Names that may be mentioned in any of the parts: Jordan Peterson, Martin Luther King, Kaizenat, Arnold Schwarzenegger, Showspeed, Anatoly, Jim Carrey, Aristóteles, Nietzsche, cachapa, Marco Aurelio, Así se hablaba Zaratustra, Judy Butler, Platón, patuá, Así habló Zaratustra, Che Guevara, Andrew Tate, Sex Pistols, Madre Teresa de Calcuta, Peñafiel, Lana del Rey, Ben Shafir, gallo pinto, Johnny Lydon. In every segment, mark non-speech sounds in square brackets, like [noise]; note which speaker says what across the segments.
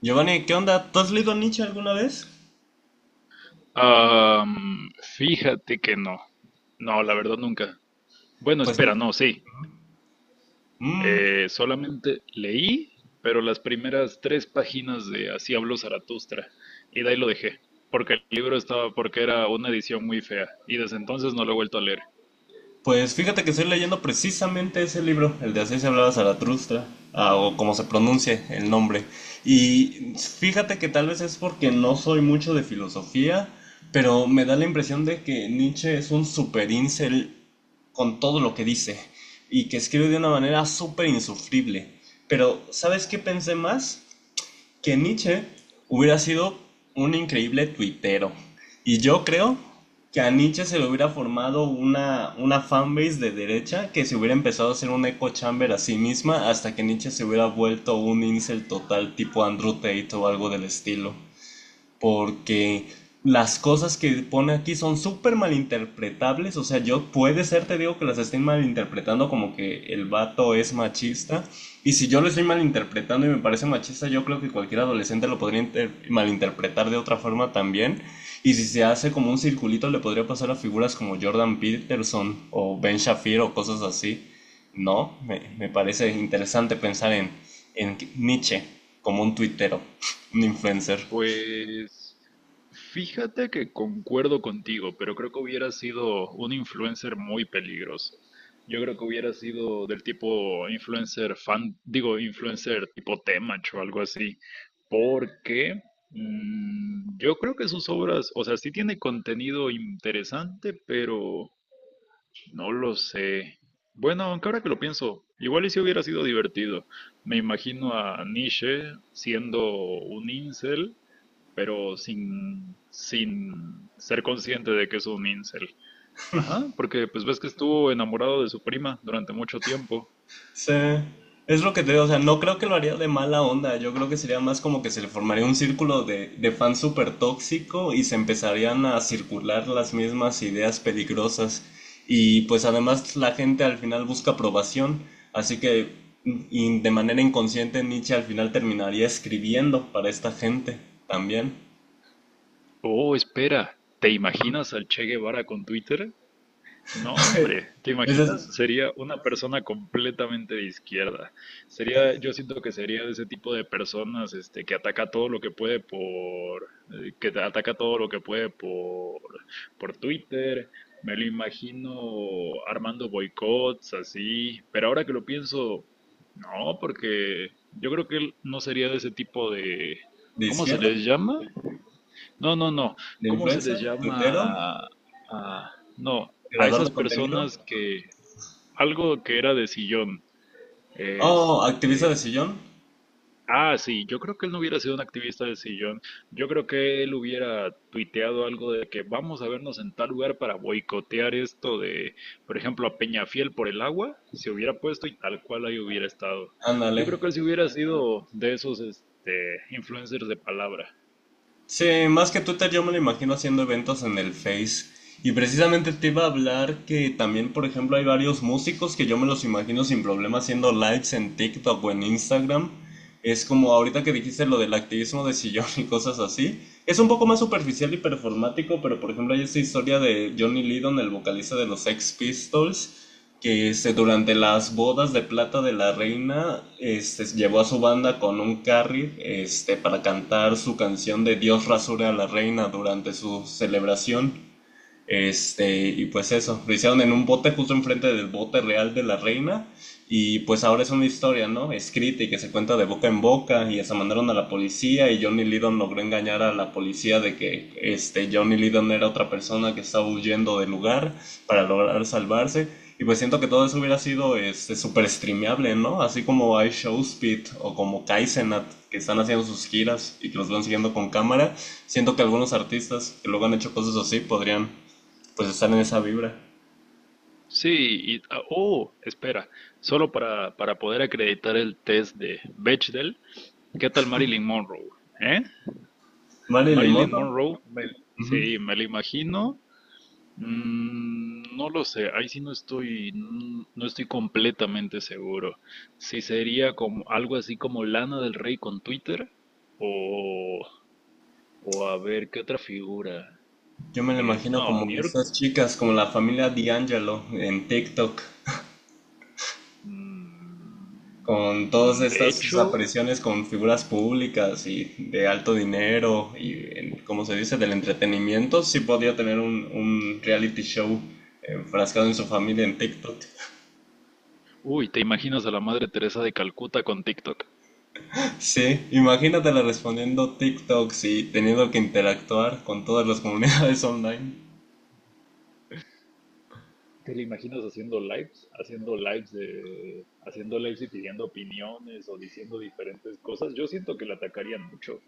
Speaker 1: Giovanni, ¿qué onda? ¿Tú has leído Nietzsche alguna vez?
Speaker 2: Am, Fíjate que no. No, la verdad nunca. Bueno,
Speaker 1: Pues,
Speaker 2: espera, no, sí.
Speaker 1: mm,
Speaker 2: Solamente leí, pero las primeras tres páginas de Así habló Zaratustra. Y de ahí lo dejé. Porque el libro estaba, porque era una edición muy fea. Y desde entonces no lo he vuelto a leer.
Speaker 1: pues fíjate que estoy leyendo precisamente ese libro, el de Así se hablaba Zaratustra, o como se pronuncie el nombre. Y fíjate que tal vez es porque no soy mucho de filosofía, pero me da la impresión de que Nietzsche es un super incel con todo lo que dice y que escribe de una manera súper insufrible. Pero, ¿sabes qué pensé más? Que Nietzsche hubiera sido un increíble tuitero. Y yo creo que a Nietzsche se le hubiera formado una fanbase de derecha que se hubiera empezado a hacer un echo chamber a sí misma hasta que Nietzsche se hubiera vuelto un incel total tipo Andrew Tate o algo del estilo, porque las cosas que pone aquí son súper malinterpretables. O sea, yo puede ser, te digo, que las estén malinterpretando como que el vato es machista, y si yo lo estoy malinterpretando y me parece machista, yo creo que cualquier adolescente lo podría malinterpretar de otra forma también, y si se hace como un circulito le podría pasar a figuras como Jordan Peterson o Ben Shafir o cosas así, ¿no? Me parece interesante pensar en Nietzsche como un tuitero, [laughs] un influencer.
Speaker 2: Pues fíjate que concuerdo contigo, pero creo que hubiera sido un influencer muy peligroso. Yo creo que hubiera sido del tipo influencer fan, digo, influencer tipo Temach o algo así, porque yo creo que sus obras, o sea, sí tiene contenido interesante, pero no lo sé. Bueno, aunque ahora que lo pienso, igual y si hubiera sido divertido. Me imagino a Nietzsche siendo un incel pero sin ser consciente de que es un incel. Ajá, porque pues ves que estuvo enamorado de su prima durante mucho tiempo.
Speaker 1: Sí, es lo que te digo, o sea, no creo que lo haría de mala onda. Yo creo que sería más como que se le formaría un círculo de fans súper tóxico y se empezarían a circular las mismas ideas peligrosas, y pues además la gente al final busca aprobación, así que y de manera inconsciente Nietzsche al final terminaría escribiendo para esta gente también.
Speaker 2: Oh, espera, ¿te imaginas al Che Guevara con Twitter? No, hombre, ¿te
Speaker 1: [laughs] ¿Ese es
Speaker 2: imaginas? Sería una persona completamente de izquierda. Sería, yo siento que sería de ese tipo de personas, este, que ataca todo lo que puede por, que te ataca todo lo que puede por Twitter. Me lo imagino armando boicots así. Pero ahora que lo pienso, no, porque yo creo que él no sería de ese tipo de,
Speaker 1: de
Speaker 2: ¿cómo se
Speaker 1: izquierda?
Speaker 2: les llama? No, no, no.
Speaker 1: ¿De
Speaker 2: ¿Cómo se les
Speaker 1: influencer?
Speaker 2: llama?
Speaker 1: ¿Tuitero?
Speaker 2: a- no, a
Speaker 1: ¿Creador de
Speaker 2: esas
Speaker 1: contenido?
Speaker 2: personas que algo que era de sillón.
Speaker 1: Oh, activista de
Speaker 2: Este,
Speaker 1: sillón.
Speaker 2: sí, yo creo que él no hubiera sido un activista de sillón. Yo creo que él hubiera tuiteado algo de que vamos a vernos en tal lugar para boicotear esto de, por ejemplo, a Peñafiel por el agua, se hubiera puesto y tal cual ahí hubiera estado.
Speaker 1: Ándale.
Speaker 2: Yo creo que él sí hubiera sido de esos, este, influencers de palabra.
Speaker 1: Sí, más que Twitter yo me lo imagino haciendo eventos en el Face. Y precisamente te iba a hablar que también, por ejemplo, hay varios músicos que yo me los imagino sin problema haciendo lives en TikTok o en Instagram. Es como ahorita que dijiste lo del activismo de sillón y cosas así. Es un poco más superficial y performático, pero por ejemplo hay esta historia de Johnny Lydon, el vocalista de los Sex Pistols, que este, durante las bodas de plata de la reina este, llevó a su banda con un carry este, para cantar su canción de Dios rasure a la reina durante su celebración. Este, y pues eso, lo hicieron en un bote justo enfrente del bote real de la reina. Y pues ahora es una historia, ¿no? Escrita y que se cuenta de boca en boca. Y hasta mandaron a la policía. Y Johnny Lydon logró engañar a la policía de que este, Johnny Lydon era otra persona que estaba huyendo del lugar para lograr salvarse. Y pues siento que todo eso hubiera sido este, súper streameable, ¿no? Así como hay Showspeed o como Kaizenat que están haciendo sus giras y que los van siguiendo con cámara. Siento que algunos artistas que luego han hecho cosas así podrían pues estar en esa vibra.
Speaker 2: Sí, y, oh, espera, solo para poder acreditar el test de Bechdel, ¿qué tal Marilyn Monroe? ¿Eh?
Speaker 1: Vale, limón.
Speaker 2: Marilyn
Speaker 1: ¿No?
Speaker 2: Monroe, me-
Speaker 1: Ujú.
Speaker 2: sí, me la imagino. Mm, no lo sé, ahí sí no estoy, no estoy completamente seguro. Si sería como algo así como Lana del Rey con Twitter, o, o a ver, ¿qué otra figura?
Speaker 1: Yo me lo imagino
Speaker 2: No, New
Speaker 1: como
Speaker 2: York.
Speaker 1: estas chicas, como la familia D'Angelo en TikTok, con todas
Speaker 2: De
Speaker 1: estas sus
Speaker 2: hecho,
Speaker 1: apariciones con figuras públicas y de alto dinero y, como se dice, del entretenimiento. Sí podía tener un reality show enfrascado en su familia en TikTok. [laughs]
Speaker 2: uy, ¿te imaginas a la Madre Teresa de Calcuta con TikTok?
Speaker 1: Sí, imagínatela respondiendo TikToks y teniendo que interactuar con todas las comunidades [laughs] online.
Speaker 2: ¿Te la imaginas haciendo lives? Haciendo lives de, haciendo lives y pidiendo opiniones o diciendo diferentes cosas. Yo siento que la atacarían mucho.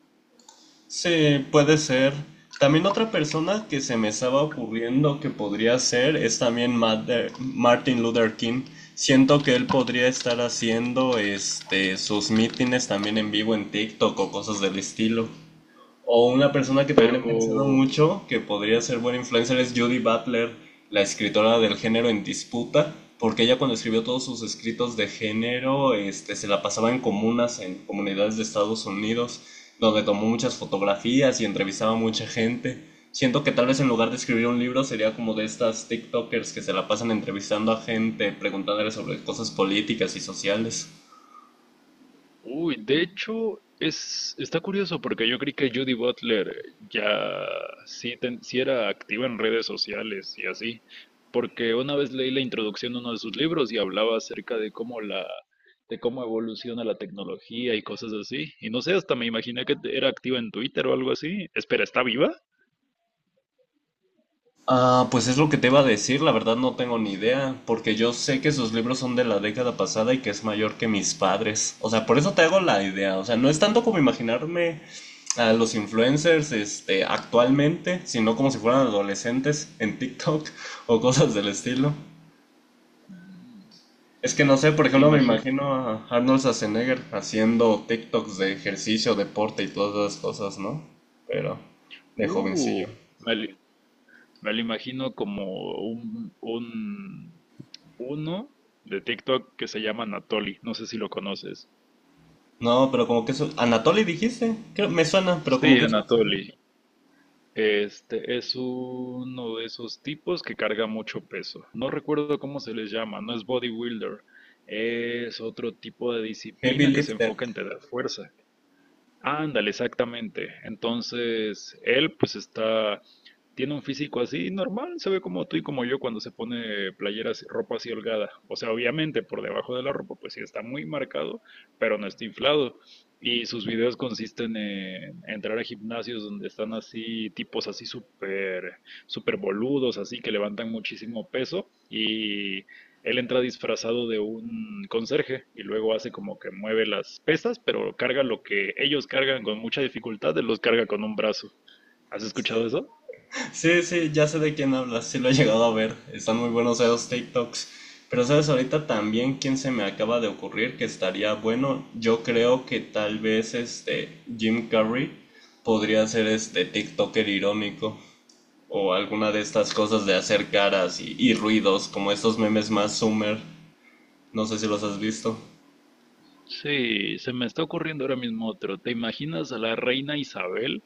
Speaker 1: Sí, puede ser. También otra persona que se me estaba ocurriendo que podría ser es también Martin Luther King. Siento que él podría estar haciendo este sus mítines también en vivo en TikTok o cosas del estilo. O una persona que también he
Speaker 2: Pero
Speaker 1: pensado mucho que podría ser buena influencer es Judy Butler, la escritora del género en disputa, porque ella cuando escribió todos sus escritos de género, este, se la pasaba en comunas, en comunidades de Estados Unidos, donde tomó muchas fotografías y entrevistaba a mucha gente. Siento que tal vez en lugar de escribir un libro sería como de estas TikTokers que se la pasan entrevistando a gente, preguntándole sobre cosas políticas y sociales.
Speaker 2: uy, de hecho, es, está curioso porque yo creí que Judy Butler ya sí, sí era activa en redes sociales y así, porque una vez leí la introducción de uno de sus libros y hablaba acerca de cómo la, de cómo evoluciona la tecnología y cosas así. Y no sé, hasta me imaginé que era activa en Twitter o algo así. Espera, ¿está viva?
Speaker 1: Ah, pues es lo que te iba a decir, la verdad no tengo ni idea, porque yo sé que sus libros son de la década pasada y que es mayor que mis padres. O sea, por eso te hago la idea. O sea, no es tanto como imaginarme a los influencers, este, actualmente, sino como si fueran adolescentes en TikTok [laughs] o cosas del estilo. Es que no sé, por
Speaker 2: ¿Te
Speaker 1: ejemplo, me
Speaker 2: imagino?
Speaker 1: imagino a Arnold Schwarzenegger haciendo TikToks de ejercicio, deporte y todas esas cosas, ¿no? Pero de jovencillo.
Speaker 2: Uh, me, li- Me lo imagino como un uno de TikTok que se llama Anatoly. No sé si lo conoces.
Speaker 1: No, pero como que eso. Anatoly dijiste. Creo, me suena, pero como
Speaker 2: Sí,
Speaker 1: que eso.
Speaker 2: Anatoly. Este es uno de esos tipos que carga mucho peso. No recuerdo cómo se les llama, no es bodybuilder. Es otro tipo de
Speaker 1: Heavy
Speaker 2: disciplina que se
Speaker 1: Lifter.
Speaker 2: enfoca en tener fuerza. Ándale, exactamente. Entonces, él pues está, tiene un físico así normal, se ve como tú y como yo cuando se pone playeras, ropa así holgada. O sea, obviamente por debajo de la ropa pues sí está muy marcado, pero no está inflado. Y sus videos consisten en entrar a gimnasios donde están así tipos así súper, súper boludos, así que levantan muchísimo peso y él entra disfrazado de un conserje y luego hace como que mueve las pesas, pero carga lo que ellos cargan con mucha dificultad, él los carga con un brazo. ¿Has escuchado eso?
Speaker 1: Sí, sí, ya sé de quién hablas. Sí, lo he llegado a ver. Están muy buenos esos TikToks. Pero sabes, ahorita también quién se me acaba de ocurrir que estaría bueno. Yo creo que tal vez este Jim Carrey podría ser este TikToker irónico. O alguna de estas cosas de hacer caras y ruidos, como estos memes más Summer. No sé si los has visto.
Speaker 2: Sí, se me está ocurriendo ahora mismo otro. ¿Te imaginas a la reina Isabel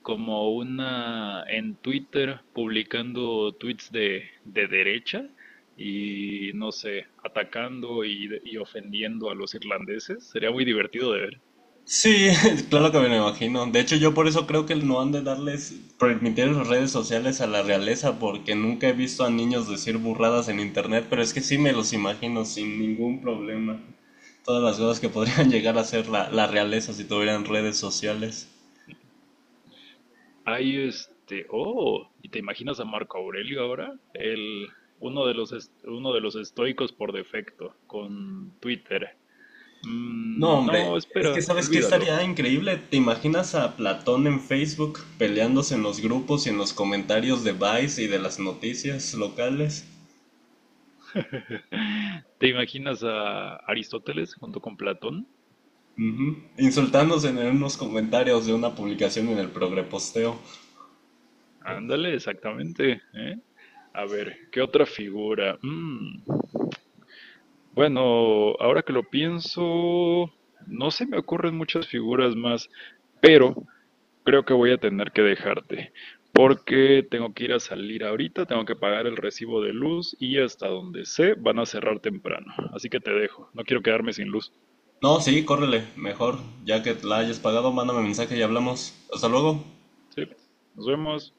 Speaker 2: como una en Twitter publicando tweets de derecha y no sé, atacando y ofendiendo a los irlandeses? Sería muy divertido de ver.
Speaker 1: Sí, [laughs] claro que me lo imagino. De hecho, yo por eso creo que no han de darles, permitir las redes sociales a la realeza, porque nunca he visto a niños decir burradas en internet, pero es que sí me los imagino sin ningún problema. Todas las cosas que podrían [laughs] llegar a ser la realeza si tuvieran redes sociales.
Speaker 2: Hay este, oh, ¿y te imaginas a Marco Aurelio ahora? El, uno de los, uno de los estoicos por defecto, con Twitter.
Speaker 1: No,
Speaker 2: Mm,
Speaker 1: hombre,
Speaker 2: no,
Speaker 1: es que
Speaker 2: espera,
Speaker 1: sabes qué
Speaker 2: olvídalo.
Speaker 1: estaría increíble. ¿Te imaginas a Platón en Facebook peleándose en los grupos y en los comentarios de Vice y de las noticias locales?
Speaker 2: [laughs] ¿Te imaginas a Aristóteles junto con Platón?
Speaker 1: Ujú. Insultándose en unos comentarios de una publicación en el progreposteo.
Speaker 2: Ándale, exactamente, ¿eh? A ver, ¿qué otra figura? Mm, bueno, ahora que lo pienso, no se me ocurren muchas figuras más, pero creo que voy a tener que dejarte, porque tengo que ir a salir ahorita, tengo que pagar el recibo de luz y hasta donde sé van a cerrar temprano. Así que te dejo, no quiero quedarme sin luz.
Speaker 1: No, sí, córrele, mejor. Ya que la hayas pagado, mándame mensaje y hablamos. Hasta luego.
Speaker 2: Sí, nos vemos.